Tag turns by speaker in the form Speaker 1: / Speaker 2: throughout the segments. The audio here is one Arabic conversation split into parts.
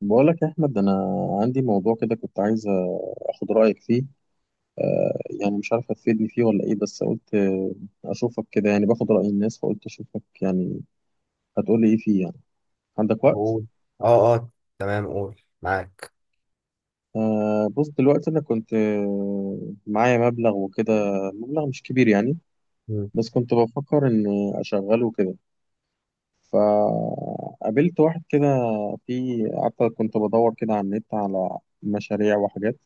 Speaker 1: بقولك يا أحمد، أنا عندي موضوع كده كنت عايز أخد رأيك فيه. يعني مش عارف هتفيدني فيه ولا إيه، بس قلت أشوفك كده، يعني باخد رأي الناس، فقلت أشوفك يعني هتقولي إيه فيه يعني. عندك
Speaker 2: طب
Speaker 1: وقت؟
Speaker 2: قول. اه اه. تمام، قول، معاك.
Speaker 1: بص، دلوقتي أنا كنت معايا مبلغ وكده، مبلغ مش كبير يعني،
Speaker 2: مم.
Speaker 1: بس كنت بفكر إن أشغله كده. فقابلت واحد كده، في قعدت كنت بدور كده على النت على مشاريع وحاجات،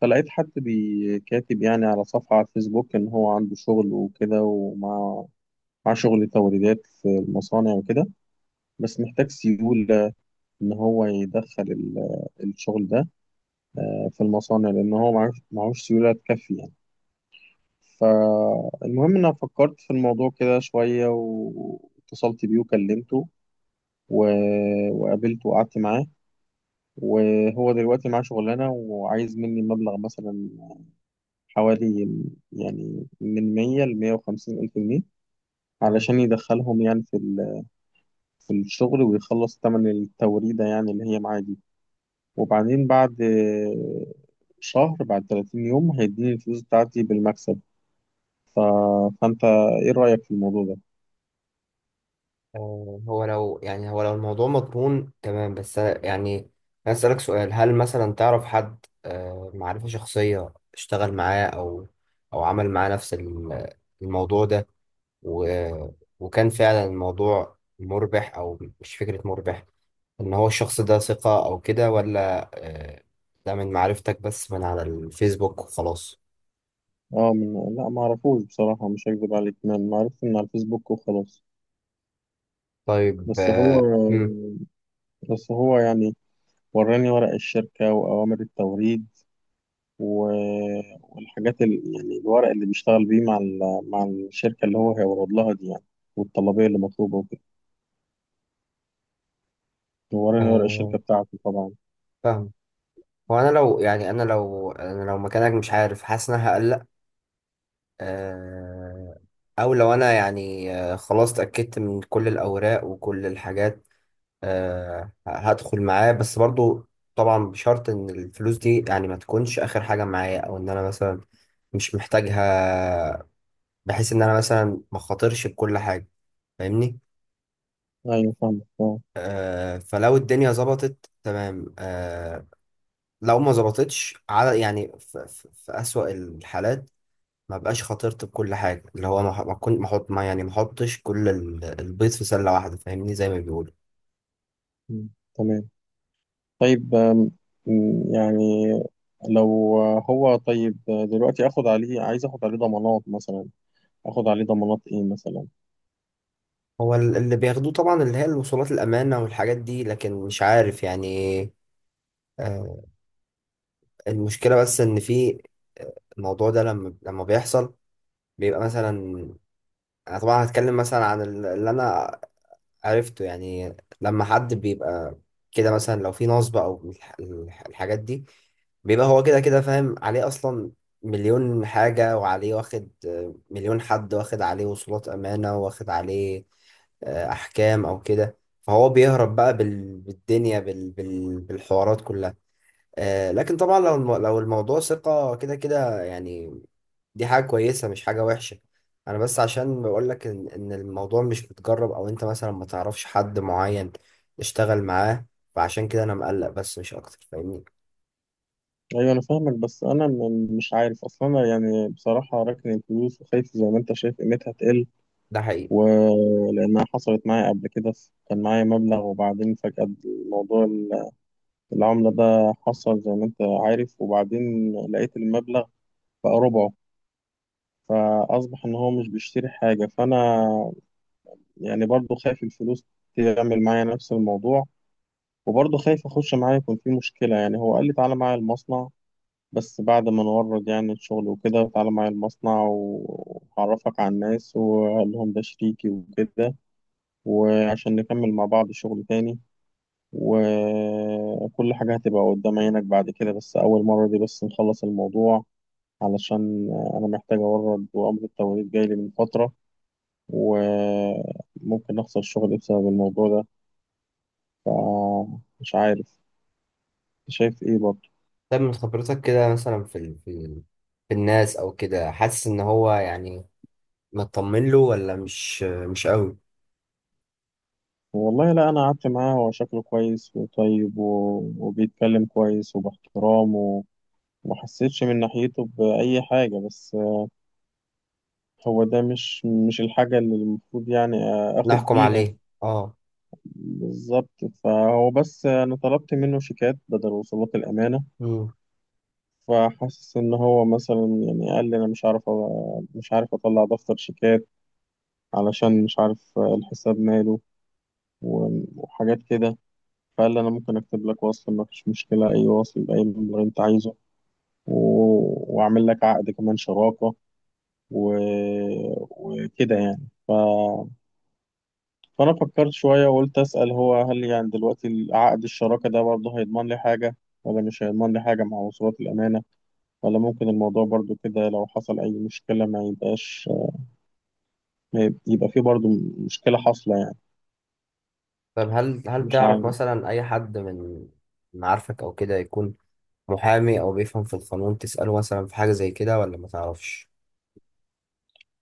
Speaker 1: فلقيت حد بيكاتب يعني على صفحة على الفيسبوك إن هو عنده شغل وكده، ومع شغل توريدات في المصانع وكده، بس محتاج سيولة إن هو يدخل الشغل ده في المصانع، لأن هو معهوش سيولة تكفي يعني. فالمهم إن أنا فكرت في الموضوع كده شوية واتصلت بيه وكلمته و... وقابلته وقعدت معاه. وهو دلوقتي معاه شغلانة وعايز مني مبلغ مثلا حوالي، يعني من 100 ل 150 ألف جنيه،
Speaker 2: تمام.
Speaker 1: علشان يدخلهم يعني في في الشغل ويخلص تمن التوريدة يعني، اللي هي معاه دي. وبعدين بعد شهر، بعد 30 يوم، هيديني الفلوس بتاعتي بالمكسب. ف... فأنت إيه رأيك في الموضوع ده؟
Speaker 2: هو لو الموضوع مضمون تمام، يعني عايز أسألك سؤال. هل مثلا تعرف حد معرفة شخصية اشتغل معاه، أو عمل معاه نفس الموضوع ده، و وكان فعلا الموضوع مربح أو مش فكرة مربح، إن هو الشخص ده ثقة أو كده، ولا ده من معرفتك بس من على الفيسبوك وخلاص؟
Speaker 1: اه، لا، ما أعرفوش بصراحة، مش هكذب عليك، ما عرفت من على الفيسبوك وخلاص.
Speaker 2: طيب.
Speaker 1: بس هو، يعني وراني ورق الشركة وأوامر التوريد و- والحاجات يعني الورق اللي بيشتغل بيه مع مع الشركة اللي هو هيورد لها دي يعني، والطلبية اللي مطلوبة وكده. وراني ورق
Speaker 2: مم.
Speaker 1: الشركة بتاعته طبعا.
Speaker 2: فاهم. هو انا لو مكانك، مش عارف، حاسس ان انا هقلق. آه، او لو انا يعني، خلاص اتاكدت من كل الاوراق وكل الحاجات، هدخل معاه. بس برضو طبعا بشرط ان الفلوس دي يعني ما تكونش اخر حاجه معايا، او ان انا مثلا مش محتاجها، بحيث ان انا مثلا ما خاطرش بكل حاجه. فاهمني؟
Speaker 1: أيوة فاهمك، أه.
Speaker 2: فلو الدنيا ظبطت تمام، لو ما ظبطتش، على يعني في أسوأ الحالات ما بقاش خاطرت بكل حاجه، اللي هو ما ح- ما كنت ما احط ما يعني ما احطش كل البيض في سله واحده. فاهمني، زي ما بيقولوا.
Speaker 1: مم. تمام. طيب، يعني لو هو، طيب دلوقتي اخد عليه، عايز اخد عليه ضمانات مثلا، اخد عليه ضمانات ايه مثلا.
Speaker 2: هو اللي بياخدوه طبعا اللي هي الوصولات الامانه والحاجات دي، لكن مش عارف يعني. آه المشكله بس ان في الموضوع ده، لما بيحصل بيبقى مثلا، انا طبعا هتكلم مثلا عن اللي انا عرفته يعني. لما حد بيبقى كده، مثلا لو في نصب او الحاجات دي، بيبقى هو كده كده فاهم عليه اصلا مليون حاجة، وعليه واخد مليون حد، واخد عليه وصولات امانة، واخد عليه احكام او كده، فهو بيهرب بقى بالدنيا، بالحوارات كلها. لكن طبعا لو لو الموضوع ثقة، كده كده يعني دي حاجة كويسة مش حاجة وحشة. أنا بس عشان بقول لك إن الموضوع مش متجرب، أو أنت مثلا ما تعرفش حد معين تشتغل معاه، فعشان كده أنا مقلق، بس مش أكتر. فاهمني؟
Speaker 1: ايوه انا فاهمك، بس انا مش عارف اصلا. انا يعني بصراحه راكن الفلوس وخايف، زي ما انت شايف قيمتها تقل،
Speaker 2: ده حقيقي.
Speaker 1: ولأنها حصلت معايا قبل كده. كان معايا مبلغ وبعدين فجأة الموضوع العملة ده حصل زي ما أنت عارف، وبعدين لقيت المبلغ بقى ربعه، فأصبح إن هو مش بيشتري حاجة. فأنا يعني برضو خايف الفلوس تعمل معايا نفس الموضوع، وبرضو خايف أخش معايا يكون في مشكلة. يعني هو قال لي تعالى معايا المصنع، بس بعد ما نورد يعني الشغل وكده، تعالى معايا المصنع وهعرفك على الناس وأقول لهم ده شريكي وكده، وعشان نكمل مع بعض شغل تاني، وكل حاجة هتبقى قدام عينك بعد كده، بس أول مرة دي بس نخلص الموضوع، علشان أنا محتاج أورد، وأمر التوريد جاي لي من فترة وممكن أخسر شغلي بسبب الموضوع ده. فمش عارف، شايف إيه برضه؟
Speaker 2: طب من خبرتك كده، مثلا في الناس أو كده، حاسس إن هو يعني مطمن له، ولا مش قوي
Speaker 1: والله لا، أنا قعدت معاه، هو شكله كويس وطيب وبيتكلم كويس وباحترام ومحسيتش من ناحيته بأي حاجة. بس هو ده مش الحاجة اللي المفروض يعني آخد
Speaker 2: نحكم
Speaker 1: بيها.
Speaker 2: عليه؟ أه.
Speaker 1: بالظبط. فهو، بس أنا طلبت منه شيكات بدل وصولات الأمانة،
Speaker 2: مم.
Speaker 1: فحاسس إن هو مثلا، يعني قال لي أنا مش عارف مش عارف أطلع دفتر شيكات، علشان مش عارف الحساب ماله وحاجات كده. فقال لي أنا ممكن أكتب لك وصل، ما فيش مشكلة، أي وصل بأي مبلغ أنت عايزه، وأعمل لك عقد كمان شراكة و... وكده يعني. فأنا فكرت شوية وقلت أسأل، هو هل يعني دلوقتي عقد الشراكة ده برضه هيضمن لي حاجة ولا مش هيضمن لي حاجة مع وصولات الأمانة؟ ولا ممكن الموضوع برضه كده لو حصل أي مشكلة ما يبقاش، ما يبقى فيه برضه مشكلة حاصلة يعني؟
Speaker 2: طب هل
Speaker 1: مش
Speaker 2: تعرف
Speaker 1: عارف.
Speaker 2: مثلا أي حد من معارفك أو كده يكون محامي أو بيفهم في القانون، تسأله مثلا في حاجة زي كده، ولا ما تعرفش؟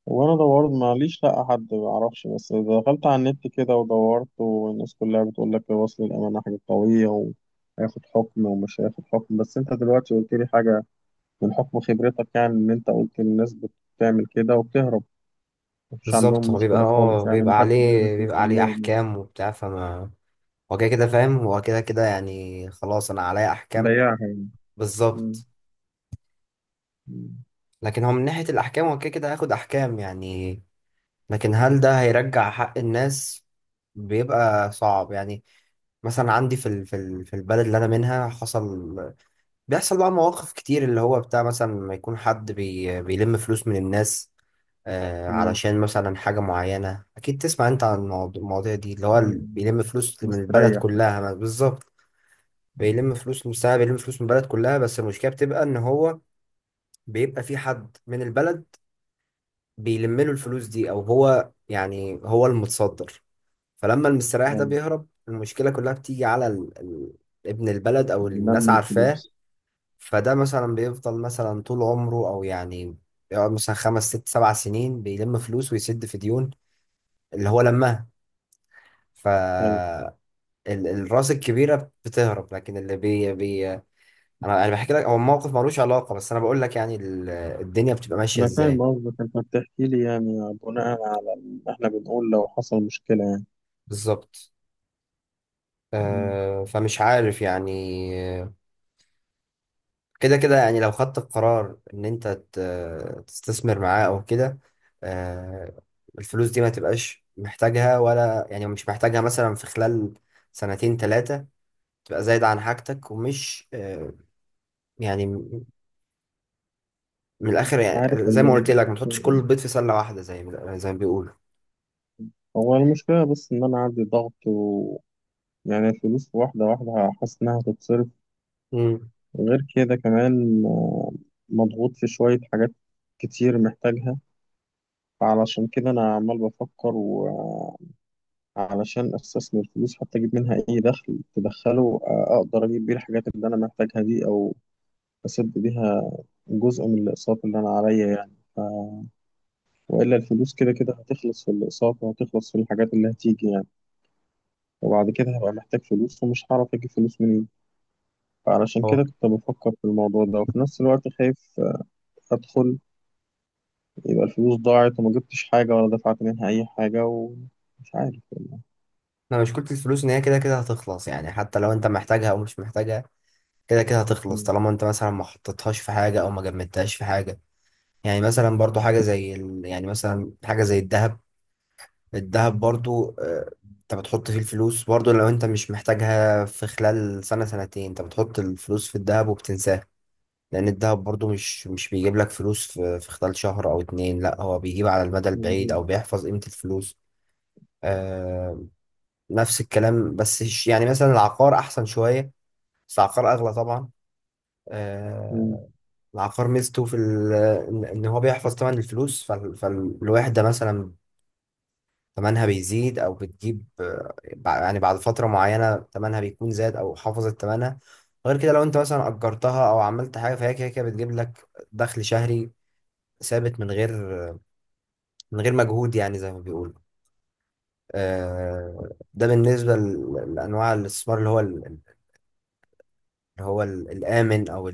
Speaker 1: وأنا دورت، ماليش، لأ، حد معرفش، بس دخلت على النت كده ودورت، والناس كلها بتقول لك وصل الأمانة حاجة قوية هياخد حكم ومش هياخد حكم. بس انت دلوقتي قلت لي حاجة من حكم خبرتك يعني، ان انت قلت الناس بتعمل كده وبتهرب، مفيش
Speaker 2: بالظبط.
Speaker 1: عندهم
Speaker 2: هو
Speaker 1: مشكلة خالص يعني،
Speaker 2: بيبقى
Speaker 1: محدش
Speaker 2: عليه
Speaker 1: بيعرف يوصل لهم يعني،
Speaker 2: احكام وبتاع، فما هو كده كده فاهم، هو كده كده يعني خلاص انا عليا احكام.
Speaker 1: ضيعها يعني. مم.
Speaker 2: بالظبط.
Speaker 1: مم.
Speaker 2: لكن هو من ناحية الاحكام، هو كده كده هياخد احكام يعني، لكن هل ده هيرجع حق الناس؟ بيبقى صعب يعني. مثلا عندي في البلد اللي انا منها، حصل بيحصل بقى مواقف كتير، اللي هو بتاع مثلا لما يكون حد بيلم فلوس من الناس
Speaker 1: مم.
Speaker 2: علشان مثلا حاجة معينة. أكيد تسمع أنت عن المواضيع دي، اللي هو
Speaker 1: مم.
Speaker 2: بيلم فلوس من
Speaker 1: مستريح
Speaker 2: البلد
Speaker 1: يعني.
Speaker 2: كلها بالظبط. بيلم فلوس من البلد كلها، بس المشكلة بتبقى إن هو بيبقى في حد من البلد بيلم له الفلوس دي، أو هو، يعني هو المتصدر، فلما المستريح ده
Speaker 1: أيوة.
Speaker 2: بيهرب المشكلة كلها بتيجي على ابن البلد أو
Speaker 1: اللي
Speaker 2: الناس
Speaker 1: نمي
Speaker 2: عارفاه.
Speaker 1: الفلوس.
Speaker 2: فده مثلا بيفضل مثلا طول عمره، او يعني يقعد مثلا 5 6 7 سنين بيلم فلوس ويسد في ديون اللي هو لماها.
Speaker 1: أيوة،
Speaker 2: فالراس الكبيره بتهرب، لكن اللي بي, بي انا بحكي لك. هو موقف ملوش علاقه، بس انا بقول لك يعني الدنيا بتبقى ماشيه
Speaker 1: أنا فاهم
Speaker 2: ازاي.
Speaker 1: قصدك، أنت بتحكي لي يعني بناء على اللي إحنا بنقول لو حصل مشكلة يعني.
Speaker 2: بالظبط.
Speaker 1: مم.
Speaker 2: فمش عارف يعني، كده كده يعني لو خدت القرار ان انت تستثمر معاه او كده، آه، الفلوس دي ما تبقاش محتاجها، ولا يعني مش محتاجها مثلا في خلال سنتين ثلاثة، تبقى زايدة عن حاجتك. ومش يعني من الآخر
Speaker 1: مش عارف
Speaker 2: يعني، زي ما
Speaker 1: والله،
Speaker 2: قلت
Speaker 1: بس
Speaker 2: لك، ما تحطش كل البيض في سلة واحدة، زي ما بيقولوا.
Speaker 1: هو المشكلة، بس إن أنا عندي ضغط، و يعني الفلوس واحدة واحدة حاسس إنها هتتصرف.
Speaker 2: امم
Speaker 1: غير كده كمان، مضغوط في شوية حاجات كتير محتاجها. فعلشان كده أنا عمال بفكر، وعلشان أستثمر فلوس حتى أجيب منها أي دخل تدخله، أقدر أجيب بيه الحاجات اللي أنا محتاجها دي، أو أسد بيها جزء من الأقساط اللي أنا عليا يعني. وإلا الفلوس كده كده هتخلص في الأقساط، وهتخلص في الحاجات اللي هتيجي يعني، وبعد كده هبقى محتاج فلوس ومش هعرف أجيب فلوس منين. فعلشان
Speaker 2: هو،
Speaker 1: كده كنت بفكر في الموضوع ده، وفي نفس الوقت خايف أدخل يبقى الفلوس ضاعت وما جبتش حاجة ولا دفعت منها أي حاجة، ومش عارف.
Speaker 2: انا مشكلة الفلوس ان هي كده كده هتخلص يعني، حتى لو انت محتاجها او مش محتاجها كده كده هتخلص، طالما انت مثلا ما حطيتهاش في حاجة، او ما جمدتهاش في حاجة. يعني مثلا برضو حاجة زي يعني مثلا حاجة زي الذهب. الذهب برضو، انت بتحط فيه الفلوس، برضو لو انت مش محتاجها في خلال سنة سنتين، انت بتحط الفلوس في الذهب وبتنساها، لأن الذهب برضو مش بيجيب لك فلوس في خلال شهر أو اتنين. لا، هو بيجيب على المدى البعيد،
Speaker 1: مظبوط.
Speaker 2: أو بيحفظ قيمة الفلوس. آه... نفس الكلام، بس يعني مثلا العقار أحسن شوية، بس العقار أغلى طبعا.
Speaker 1: مم.
Speaker 2: آه... العقار ميزته ان هو بيحفظ طبعا الفلوس. فالواحد ده مثلا تمنها بيزيد، او بتجيب يعني بعد فتره معينه تمنها بيكون زاد، او حافظت تمنها. غير كده لو انت مثلا اجرتها او عملت حاجه، فهي كده كده بتجيب لك دخل شهري ثابت من غير مجهود، يعني زي ما بيقولوا. ده بالنسبه لانواع الاستثمار، اللي هو الامن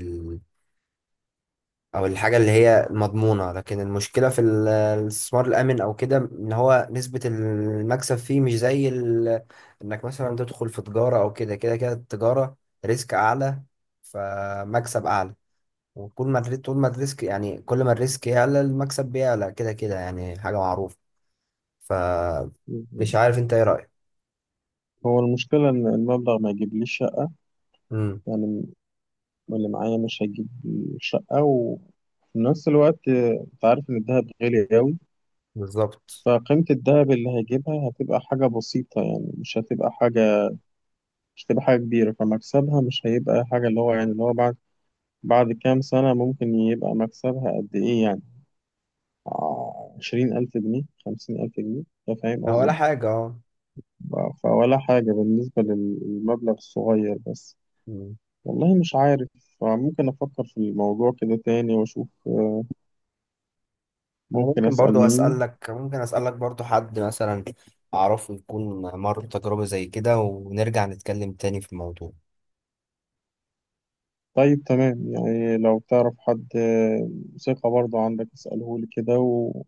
Speaker 2: او الحاجه اللي هي مضمونه. لكن المشكله في الاستثمار الامن او كده، ان هو نسبه المكسب فيه مش زي انك مثلا تدخل في تجاره او كده كده التجاره ريسك اعلى، فمكسب اعلى. وكل ما الري- طول ما الريسك يعني كل ما الريسك يعلى المكسب بيعلى، كده كده يعني، حاجه معروفه. ف مش
Speaker 1: مظبوط.
Speaker 2: عارف انت ايه رايك.
Speaker 1: هو المشكلة إن المبلغ ما يجيبليش شقة
Speaker 2: امم
Speaker 1: يعني، اللي معايا مش هيجيب شقة. وفي نفس الوقت، أنت عارف إن الدهب غالي أوي،
Speaker 2: بالظبط.
Speaker 1: فقيمة الدهب اللي هيجيبها هتبقى حاجة بسيطة يعني، مش هتبقى حاجة، مش هتبقى حاجة كبيرة، فمكسبها مش هيبقى حاجة، اللي هو يعني، اللي هو بعد كام سنة ممكن يبقى مكسبها قد إيه يعني؟ 20,000 جنيه، 50,000 جنيه. أنت فاهم
Speaker 2: هو ولا
Speaker 1: قصدي؟
Speaker 2: حاجه، اه.
Speaker 1: فولا حاجة بالنسبة للمبلغ الصغير بس.
Speaker 2: امم.
Speaker 1: والله مش عارف، ممكن أفكر في الموضوع كده تاني وأشوف،
Speaker 2: انا
Speaker 1: ممكن
Speaker 2: ممكن برضو
Speaker 1: أسأل مين.
Speaker 2: اسالك، ممكن اسالك برضو حد مثلا اعرفه يكون مر بتجربة زي كده، ونرجع نتكلم تاني في الموضوع.
Speaker 1: طيب تمام، يعني لو تعرف حد ثقة برضه عندك اسأله لي كده،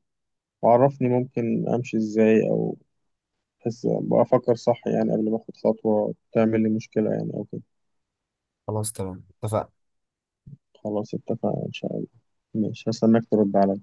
Speaker 1: وعرفني ممكن أمشي إزاي، أو بحس بقى أفكر صح يعني قبل ما أخد خطوة تعمل لي مشكلة يعني أو كده.
Speaker 2: خلاص تمام، اتفقنا.
Speaker 1: خلاص اتفقنا إن شاء الله. ماشي، هستناك ترد عليا.